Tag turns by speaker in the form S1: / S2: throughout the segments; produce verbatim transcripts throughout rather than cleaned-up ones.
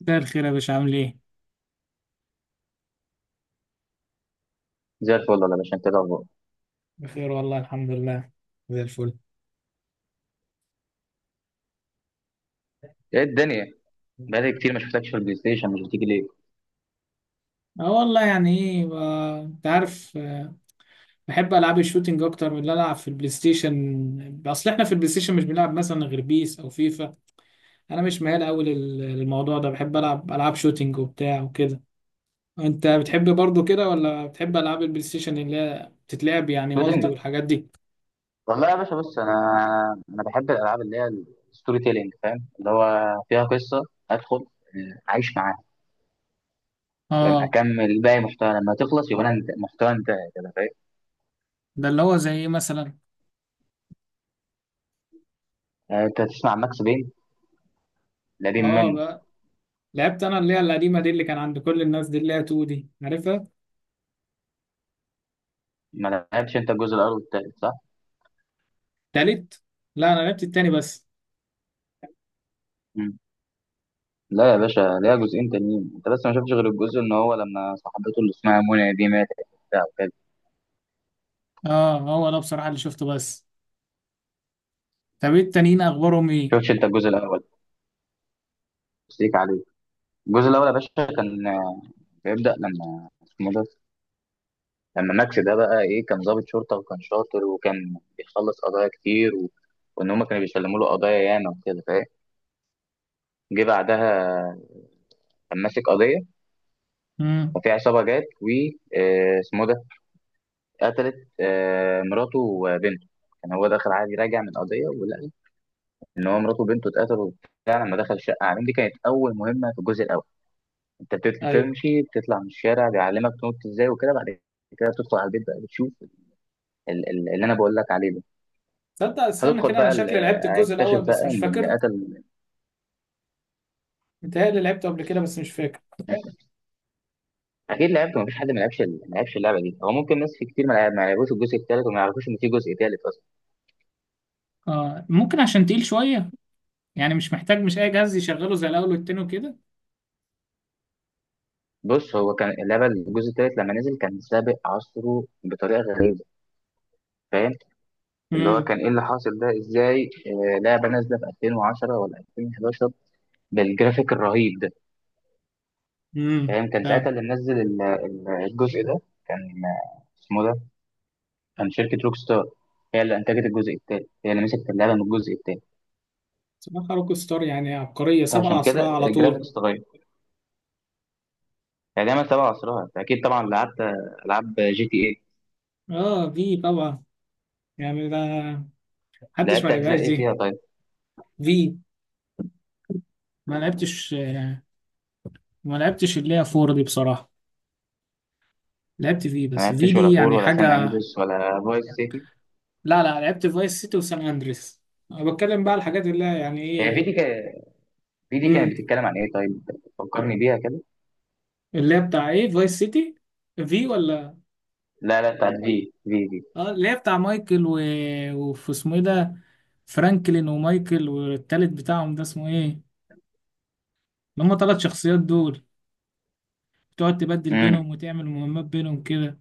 S1: ده الخير يا باشا، عامل ايه؟
S2: زي الفل، ولا باشا. انت إيه الاخبار؟
S1: بخير والله، الحمد لله. زي الفل.
S2: ايه الدنيا؟ بقالي كتير ما شفتكش في البلاي ستيشن، مش بتيجي ليه؟
S1: اه والله، يعني ايه ب- انت عارف. آه، بحب العاب الشوتينج اكتر من اللي العب في البلاي ستيشن. اصل احنا في البلاي ستيشن مش بنلعب مثلا غير بيس او فيفا. انا مش ميال قوي لل- للموضوع ده، بحب العب العاب شوتينج وبتاع وكده. انت بتحب برضو كده، ولا بتحب العاب البلاي ستيشن اللي هي بتتلعب يعني مالتي
S2: شوتينج.
S1: والحاجات دي؟
S2: والله يا باشا، بص، انا انا بحب الالعاب اللي هي الستوري تيلينج، فاهم؟ اللي هو فيها قصه، ادخل آه، اعيش معاها، فاهم.
S1: اه.
S2: اكمل باقي محتوى، لما تخلص يبقى انا انت محتوى انتهى كده، فاهم.
S1: ده اللي هو زي ايه مثلا؟
S2: آه، انت تسمع ماكس بين، القديم
S1: اه،
S2: منه؟
S1: بقى لعبت انا اللي هي القديمه دي، اللي كان عند كل الناس دي، اللي هي اتنين دي، عارفها؟
S2: ما لعبتش انت الجزء الاول والتالت، صح؟
S1: تالت. لا، انا لعبت التاني بس.
S2: مم. لا يا باشا، ليها جزئين تانيين، انت بس ما شفتش غير الجزء ان هو لما صاحبته اللي اسمها منى دي ماتت وبتاع وكده.
S1: اه، هو ده بصراحة اللي شفته بس. طب ايه التانيين، اخبارهم ايه؟
S2: شفتش انت الجزء الاول؟ بس ليك عليه. الجزء الاول يا باشا كان بيبدا لما اسمه ده، لما ماكس ده بقى ايه، كان ضابط شرطه وكان شاطر وكان بيخلص قضايا كتير، و... وان هم كانوا بيسلموا له قضايا ياما وكده، فاهم. جه بعدها كان ماسك قضيه،
S1: امم.
S2: ففي عصابه جت و آه، اسمه ده قتلت آه، مراته وبنته. كان هو داخل عادي راجع من قضيه، ولقى ان هو مراته وبنته اتقتلوا وبتاع لما دخل الشقه عليهم. دي كانت اول مهمه في الجزء الاول. انت
S1: ايوه.
S2: بتمشي بتطلع من الشارع، بيعلمك تنط ازاي وكده، بعد كده بتدخل على البيت بقى، بتشوف ال- ال- اللي انا بقول لك عليه ده.
S1: تصدق استنى
S2: هتدخل
S1: كده، انا
S2: بقى ال-
S1: شكلي لعبت
S2: آه،
S1: الجزء
S2: هيكتشف
S1: الاول
S2: بقى
S1: بس مش
S2: ان اللي
S1: فاكر.
S2: قتل.
S1: متهيألي لعبته قبل كده بس مش فاكر.
S2: اكيد لعبت، مفيش حد ما لعبش ال- ما لعبش اللعبه دي. هو ممكن ناس في كتير ما لعب- ما لعبوش الجزء الثالث وما يعرفوش ان في جزء ثالث اصلا.
S1: اه، ممكن عشان تقيل شوية، يعني مش محتاج مش اي جهاز يشغله زي الاول والتاني وكده.
S2: بص، هو كان اللعبه الجزء الثالث لما نزل كان سابق عصره بطريقه غريبه، فاهم. اللي هو
S1: امم.
S2: كان ايه اللي حاصل ده ازاي، آه، لعبه نازله في ألفين وعشرة ولا ألفين وحداشر بالجرافيك الرهيب ده،
S1: امم،
S2: فاهم. كان ساعتها
S1: فعلا.
S2: اللي منزل ال- ال- الجزء ده، كان آه، اسمه ده، كان شركة روك ستار هي اللي أنتجت الجزء التالت، هي اللي مسكت اللعبة من الجزء التالت.
S1: بصراحة روك ستار يعني عبقرية، سبع
S2: فعشان كده
S1: أسرع على طول.
S2: الجرافيكس اتغير، يعني دايما تبع عصرها. أنت أكيد طبعا لعبت ألعاب جي تي إيه.
S1: اه، في طبعا. يعني ده، محدش ما
S2: لعبت أجزاء
S1: لعبهاش
S2: إيه
S1: دي.
S2: فيها طيب؟
S1: في، ما لعبتش، آه، ما لعبتش اللي هي فور دي بصراحة. لعبت في إيه
S2: ما
S1: بس في
S2: لعبتش
S1: دي
S2: ولا فور
S1: يعني
S2: ولا سان
S1: حاجة.
S2: أندريس ولا فايس سيتي؟
S1: لا لا، لعبت فايس سيتي وسان اندريس. انا بتكلم بقى على الحاجات اللي هي يعني
S2: هي في دي
S1: ايه.
S2: كا- في دي كانت
S1: امم.
S2: بتتكلم عن إيه طيب؟ فكرني بيها كده.
S1: اللي هي بتاع ايه، فايس سيتي؟ في، ولا؟
S2: لا لا، بتاعت في في في.
S1: اه، اللي هي بتاع مايكل و... وفي اسمه ايه ده، فرانكلين ومايكل، والتالت بتاعهم ده اسمه ايه؟ اللي هم ثلاث شخصيات دول، بتقعد تبدل
S2: امم.
S1: بينهم وتعمل مهمات بينهم كده.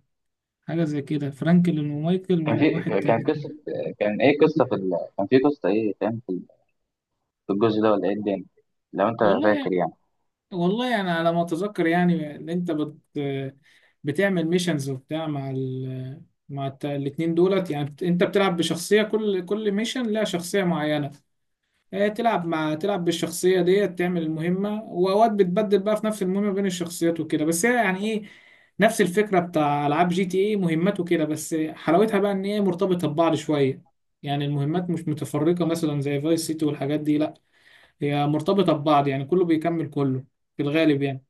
S1: حاجة زي كده، فرانكلين ومايكل
S2: كان في
S1: وواحد
S2: كان
S1: تاني
S2: قصة،
S1: كده.
S2: كان إيه قصة في ال... كان في قصة إيه، فاهم، في في الجزء ده، ولا إيه الدنيا لو أنت
S1: والله،
S2: فاكر يعني؟
S1: والله انا على ما اتذكر يعني ان انت بت بتعمل ميشنز وبتاع مع ال، مع الت- الاتنين دولت، يعني بت- انت بتلعب بشخصية، كل كل ميشن لها شخصية معينة. آه، تلعب مع تلعب بالشخصية ديت، تعمل المهمة، واوقات بتبدل بقى في نفس المهمة بين الشخصيات وكده، بس هي يعني ايه، نفس الفكرة بتاع العاب جي تي ايه، مهمات وكده، بس حلاوتها بقى ان هي مرتبطة ببعض شوية. يعني المهمات مش متفرقة مثلا زي فايس سيتي والحاجات دي، لا، هي مرتبطة ببعض، يعني كله بيكمل كله في الغالب يعني،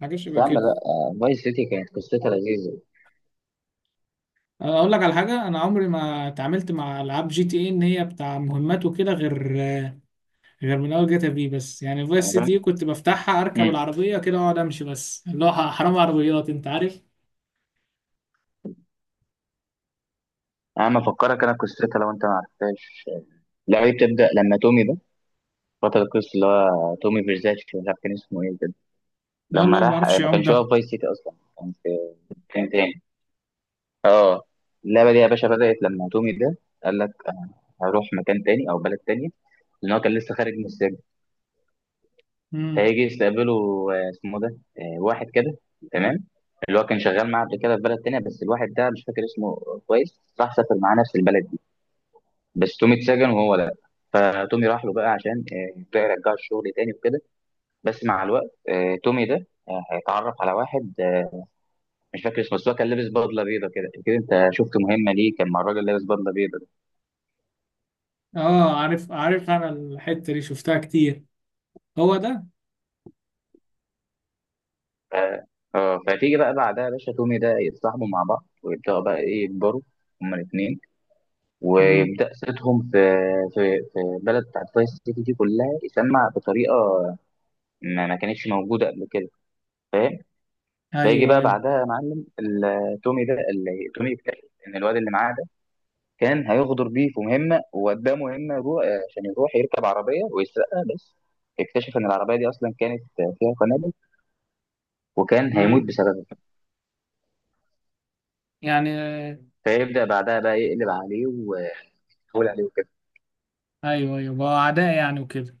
S1: حاجة
S2: بس
S1: شبه
S2: يا عم
S1: كده.
S2: لا، فايس سيتي كانت قصتها لذيذة.
S1: أه، أقول لك على حاجة، أنا عمري ما اتعاملت مع ألعاب جي تي إيه إن هي بتاع مهمات وكده، غير غير من أول جاتا في بس، يعني فايس سيتي إيه،
S2: يعني،
S1: كنت بفتحها أركب
S2: امم،
S1: العربية كده وأقعد أمشي بس، اللي هو حرام عربيات، أنت عارف.
S2: انا افكرك انا قصتها لو انت ما عرفتهاش. لا، هي بتبدا لما تومي ده، بطل القصه اللي هو تومي فيرزاتشي، مش عارف كان اسمه ايه كده، لما
S1: يلا، ما
S2: راح آه،
S1: بعرفش
S2: ما
S1: أعوم
S2: كانش هو
S1: ده.
S2: في فايس سيتي اصلا، كان في كان تاني. اه، اللعبه دي يا باشا بدات لما تومي ده قال لك انا هروح مكان تاني او بلد تانية، لان هو كان لسه خارج من السجن.
S1: امم.
S2: فهيجي يستقبله آه، اسمه ده، آه، واحد كده، تمام، اللي هو كان شغال معاه قبل كده في بلد تانية، بس الواحد ده مش فاكر اسمه. كويس، راح سافر معاه نفس البلد، بس تومي اتسجن وهو لا. فتومي راح له بقى عشان آه، يبدأ يرجعه الشغل تاني وكده، بس مع الوقت آه، تومي ده آه، هيتعرف على واحد، آه، مش فاكر اسمه، بس هو كان لابس بدله بيضه كده كده. انت شفت مهمه ليه كان مع الراجل لابس بدله بيضه ده؟
S1: أه، عارف عارف، أنا الحتة دي شفتها كتير، هو ده.
S2: ف- اه، فتيجي بقى بعدها يا باشا تومي ده يتصاحبوا مع بعض، ويبداوا بقى ايه يكبروا هما الاثنين،
S1: امم.
S2: ويبدا صيتهم في في في البلد بتاعت فايس سيتي دي كلها، يسمع بطريقه ما ما كانتش موجوده قبل كده، فاهم؟ فيجي
S1: أيوه
S2: بقى
S1: أيوه.
S2: بعدها يا معلم ال- تومي ده اللي تومي يكتشف ان الواد اللي معاه ده كان هيغدر بيه في مهمه، وقدامه مهمه يروح عشان يروح يركب عربيه ويسرقها، بس اكتشف ان العربيه دي اصلا كانت فيها قنابل وكان هيموت
S1: امم.
S2: بسببها.
S1: يعني آه،
S2: فيبدا بعدها بقى يقلب عليه ويحاول عليه وكده.
S1: أيوه أيوه، بقى أعداء يعني وكده.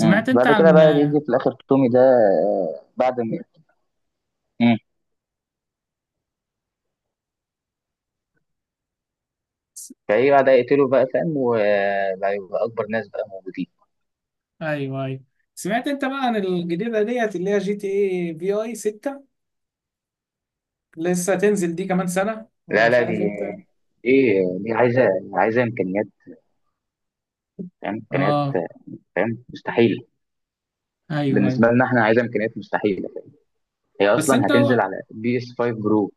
S2: مم.
S1: أنت
S2: بعد كده
S1: عن،
S2: بقى يجي في الاخر تومي ده آه، بعد ما، مم، فايه بعد يقتله بقى، فاهم، وبقى يبقى اكبر ناس بقى موجودين.
S1: ايوه ايوه، سمعت انت بقى عن الجديده ديت اللي هي جي تي اي في اي ستة؟ لسه هتنزل دي كمان سنه، ولا
S2: لا
S1: مش
S2: لا، دي
S1: عارف امتى.
S2: ايه، دي عايزه، عايزه امكانيات، فاهم، امكانيات،
S1: اه،
S2: فاهم، مستحيل.
S1: ايوه ايوه.
S2: بالنسبه لنا احنا عايزه امكانيات مستحيله. هي
S1: بس
S2: اصلا
S1: انت
S2: هتنزل
S1: هو،
S2: على بي اس خمسة برو،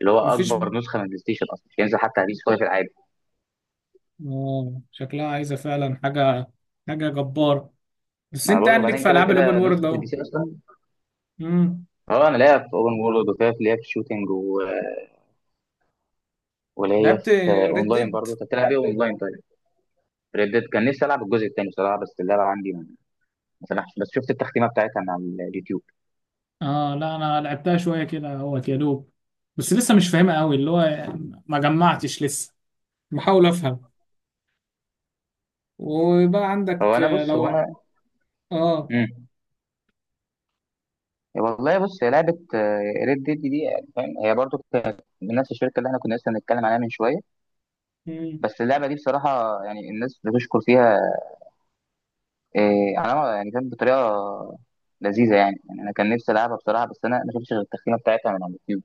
S2: اللي هو
S1: مفيش.
S2: اكبر نسخه من البلاي ستيشن، اصلا مش هينزل حتى على بي اس خمسة العادي.
S1: اه، شكلها عايزه فعلا حاجه، حاجه جباره. بس
S2: ما انا
S1: انت
S2: بقول،
S1: يعني ليك
S2: وبعدين
S1: في
S2: كده
S1: العاب الاوبن
S2: كده
S1: وورلد
S2: نسخه البي
S1: اهو.
S2: سي اصلا.
S1: امم.
S2: اه انا لاقيها في اوبن وورلد وفيها، في ليها في شوتنج، ولاقيها
S1: لعبت
S2: في
S1: ريد
S2: اونلاين
S1: ديد.
S2: برضه. انت بتلعب ايه اونلاين طيب؟ ريدد، كان نفسي العب الجزء الثاني بصراحه، بس اللعبه عندي ما ما سمحش، بس شفت التختيمه بتاعتها من على اليوتيوب.
S1: اه لا، انا لعبتها شويه كده اهوت، يا دوب، بس لسه مش فاهمها قوي اللي هو، ما جمعتش لسه، بحاول افهم، ويبقى
S2: هو
S1: عندك
S2: انا،
S1: آه،
S2: بص، هو انا.
S1: لو. اه
S2: مم. والله بص، هي لعبه ريد ديد دي يعني، فاهم، هي برضه كانت من نفس الشركه اللي احنا كنا لسه بنتكلم عليها من شويه، بس اللعبه دي بصراحه يعني الناس بتشكر فيها إيه على ما- يعني كانت بطريقه لذيذه يعني. يعني انا كان نفسي العبها بصراحه، بس انا ما شفتش غير التختيمه بتاعتها من على اليوتيوب.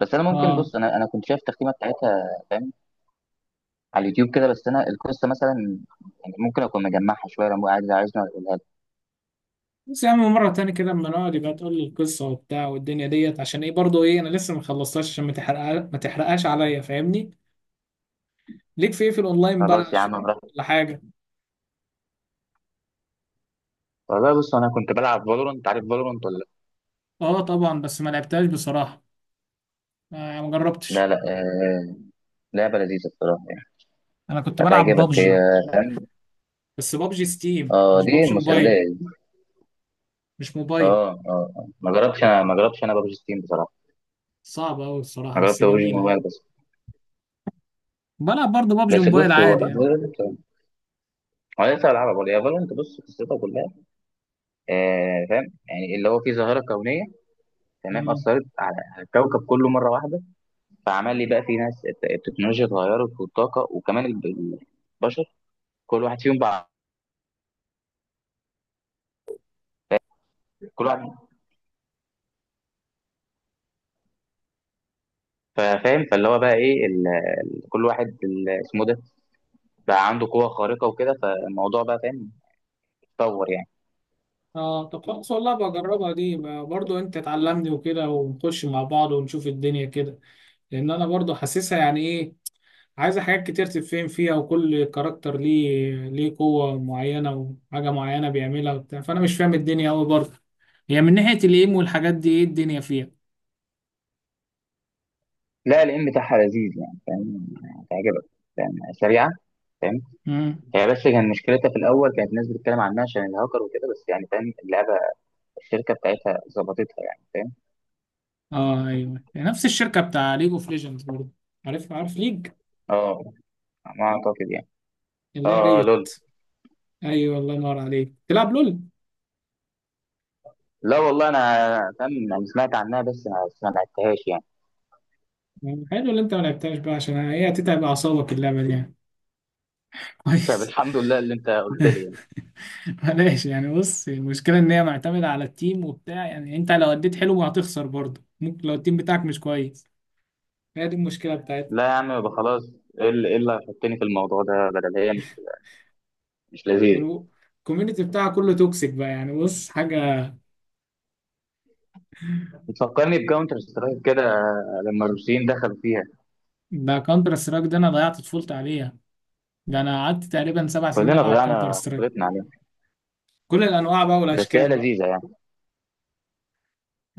S2: بس انا ممكن،
S1: اه.
S2: بص، انا انا كنت شايف التختيمه بتاعتها، فاهم، على اليوتيوب كده، بس انا القصه مثلا يعني ممكن اكون مجمعها شويه، لو عايز عايزني اقولها لك.
S1: بس يا عم، مرة تاني كده اما نقعد، يبقى تقول لي القصة وبتاع والدنيا ديت، عشان ايه برضه، ايه انا لسه ما خلصتهاش، عشان ما تحرقها، ما تحرقهاش عليا، فاهمني. ليك في ايه في الاونلاين
S2: خلاص
S1: بقى؟
S2: يا
S1: شو-
S2: عم، براحتك.
S1: ولا حاجة.
S2: والله بص، انا كنت بلعب فالورنت، عارف فالورنت ولا؟
S1: اه طبعا، بس ما لعبتهاش بصراحة. آه ما
S2: لا
S1: جربتش.
S2: لا، آه، لعبه لذيذه بصراحه يعني،
S1: انا كنت بلعب
S2: هتعجبك هي،
S1: بابجي،
S2: فاهم.
S1: بس بابجي ستيم
S2: اه،
S1: مش
S2: دي
S1: بابجي موبايل،
S2: مسليه.
S1: مش موبايل.
S2: اه، اه. آه. ما جربتش انا ما جربتش انا ببجي ستيم بصراحه.
S1: صعبة قوي الصراحة
S2: انا
S1: بس
S2: جربت اوجي
S1: جميلة يعني.
S2: موبايل بس.
S1: بلعب برضه بابجي
S2: بس
S1: موبايل
S2: بص، هو
S1: عادي يعني.
S2: فالنت، هو لسه بلعبها برضه. هي فالنت، بص قصتها كلها، آه فاهم يعني، اللي هو في ظاهره كونيه تمام
S1: مم.
S2: اثرت على على الكوكب كله مره واحده. فعمل لي بقى في ناس، الت- التكنولوجيا اتغيرت، والطاقه وكمان ال- البشر كل واحد فيهم بقى، كل واحد، فاهم. فاللي هو بقى ايه ال... ال- كل واحد ال- اسمه ده بقى عنده قوه خارقه وكده، فالموضوع بقى، فاهم، اتطور يعني.
S1: اه، طب خلاص، والله بجربها دي، برضه انت تعلمني وكده، ونخش مع بعض ونشوف الدنيا كده. لان انا برضو حاسسها يعني ايه، عايزه حاجات كتير تتفهم فيها، وكل كاركتر ليه ليه قوه معينه وحاجه معينه بيعملها وبتاع، فانا مش فاهم الدنيا قوي برضو. هي من ناحيه الايم والحاجات دي ايه الدنيا فيها؟
S2: لا، الام بتاعها لذيذ يعني، فاهم، يعني هتعجبك، فاهم، سريعه.
S1: امم.
S2: هي بس كان مشكلتها في الاول كانت الناس بتتكلم عنها عشان الهاكر وكده، بس يعني فاهم اللعبه الشركه بتاعتها ظبطتها، يعني فاهم.
S1: اه ايوه، نفس الشركه بتاع ليج اوف ليجندز برضو. عارف عارف ليج،
S2: اه، ما اعتقد يعني.
S1: اللي هي
S2: اه، آه،
S1: ريت.
S2: لول.
S1: ايوه، الله ينور عليك، تلعب لول.
S2: لا والله انا، فاهم يعني، سمعت عنها بس ما ما لعبتهاش يعني.
S1: يعني حلو اللي انت ما لعبتهاش بقى، عشان هي هتتعب اعصابك اللعبه دي يعني.
S2: طب
S1: كويس.
S2: الحمد لله اللي انت قلت لي يعني.
S1: بلاش يعني، بص، المشكلة إن هي معتمدة على التيم وبتاع، يعني أنت لو أديت حلو ما هتخسر برضه، ممكن لو التيم بتاعك مش كويس، هي دي المشكلة بتاعتها.
S2: لا يا عم، يبقى خلاص. ايه اللي إيه اللي هيحطني في الموضوع ده، بدل هي مش مش لذيذه؟
S1: والكوميونتي بتاعها كله توكسيك بقى، يعني بص حاجة.
S2: بتفكرني بكاونتر سترايك كده لما الروسيين دخلوا فيها.
S1: ده كونتر سترايك ده أنا ضيعت طفولتي عليها. ده أنا قعدت تقريبا سبع سنين
S2: كلنا
S1: ألعب كونتر
S2: ضيعنا
S1: سترايك،
S2: طفولتنا عليها،
S1: كل الأنواع بقى
S2: بس هي
S1: والأشكال بقى.
S2: لذيذه يعني.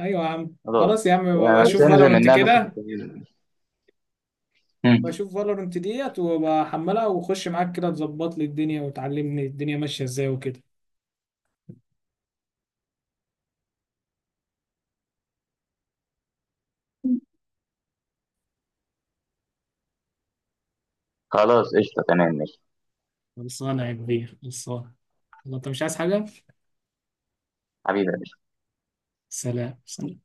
S1: أيوة يا عم، خلاص يا
S2: خلاص
S1: عم، بقى
S2: يعني، بس
S1: بشوف
S2: انزل
S1: فالورنت
S2: منها نص
S1: كده،
S2: التلفزيون.
S1: بشوف فالورنت ديت وبحملها، وخش معاك كده تظبط لي الدنيا وتعلمني الدنيا ماشية إزاي وكده.
S2: خلاص، قشطة. تمام، ماشي.
S1: خلصانة يا كبير، خلصانة، والله انت مش عايز حاجة.
S2: حبيبي يا باشا.
S1: سلام سلام.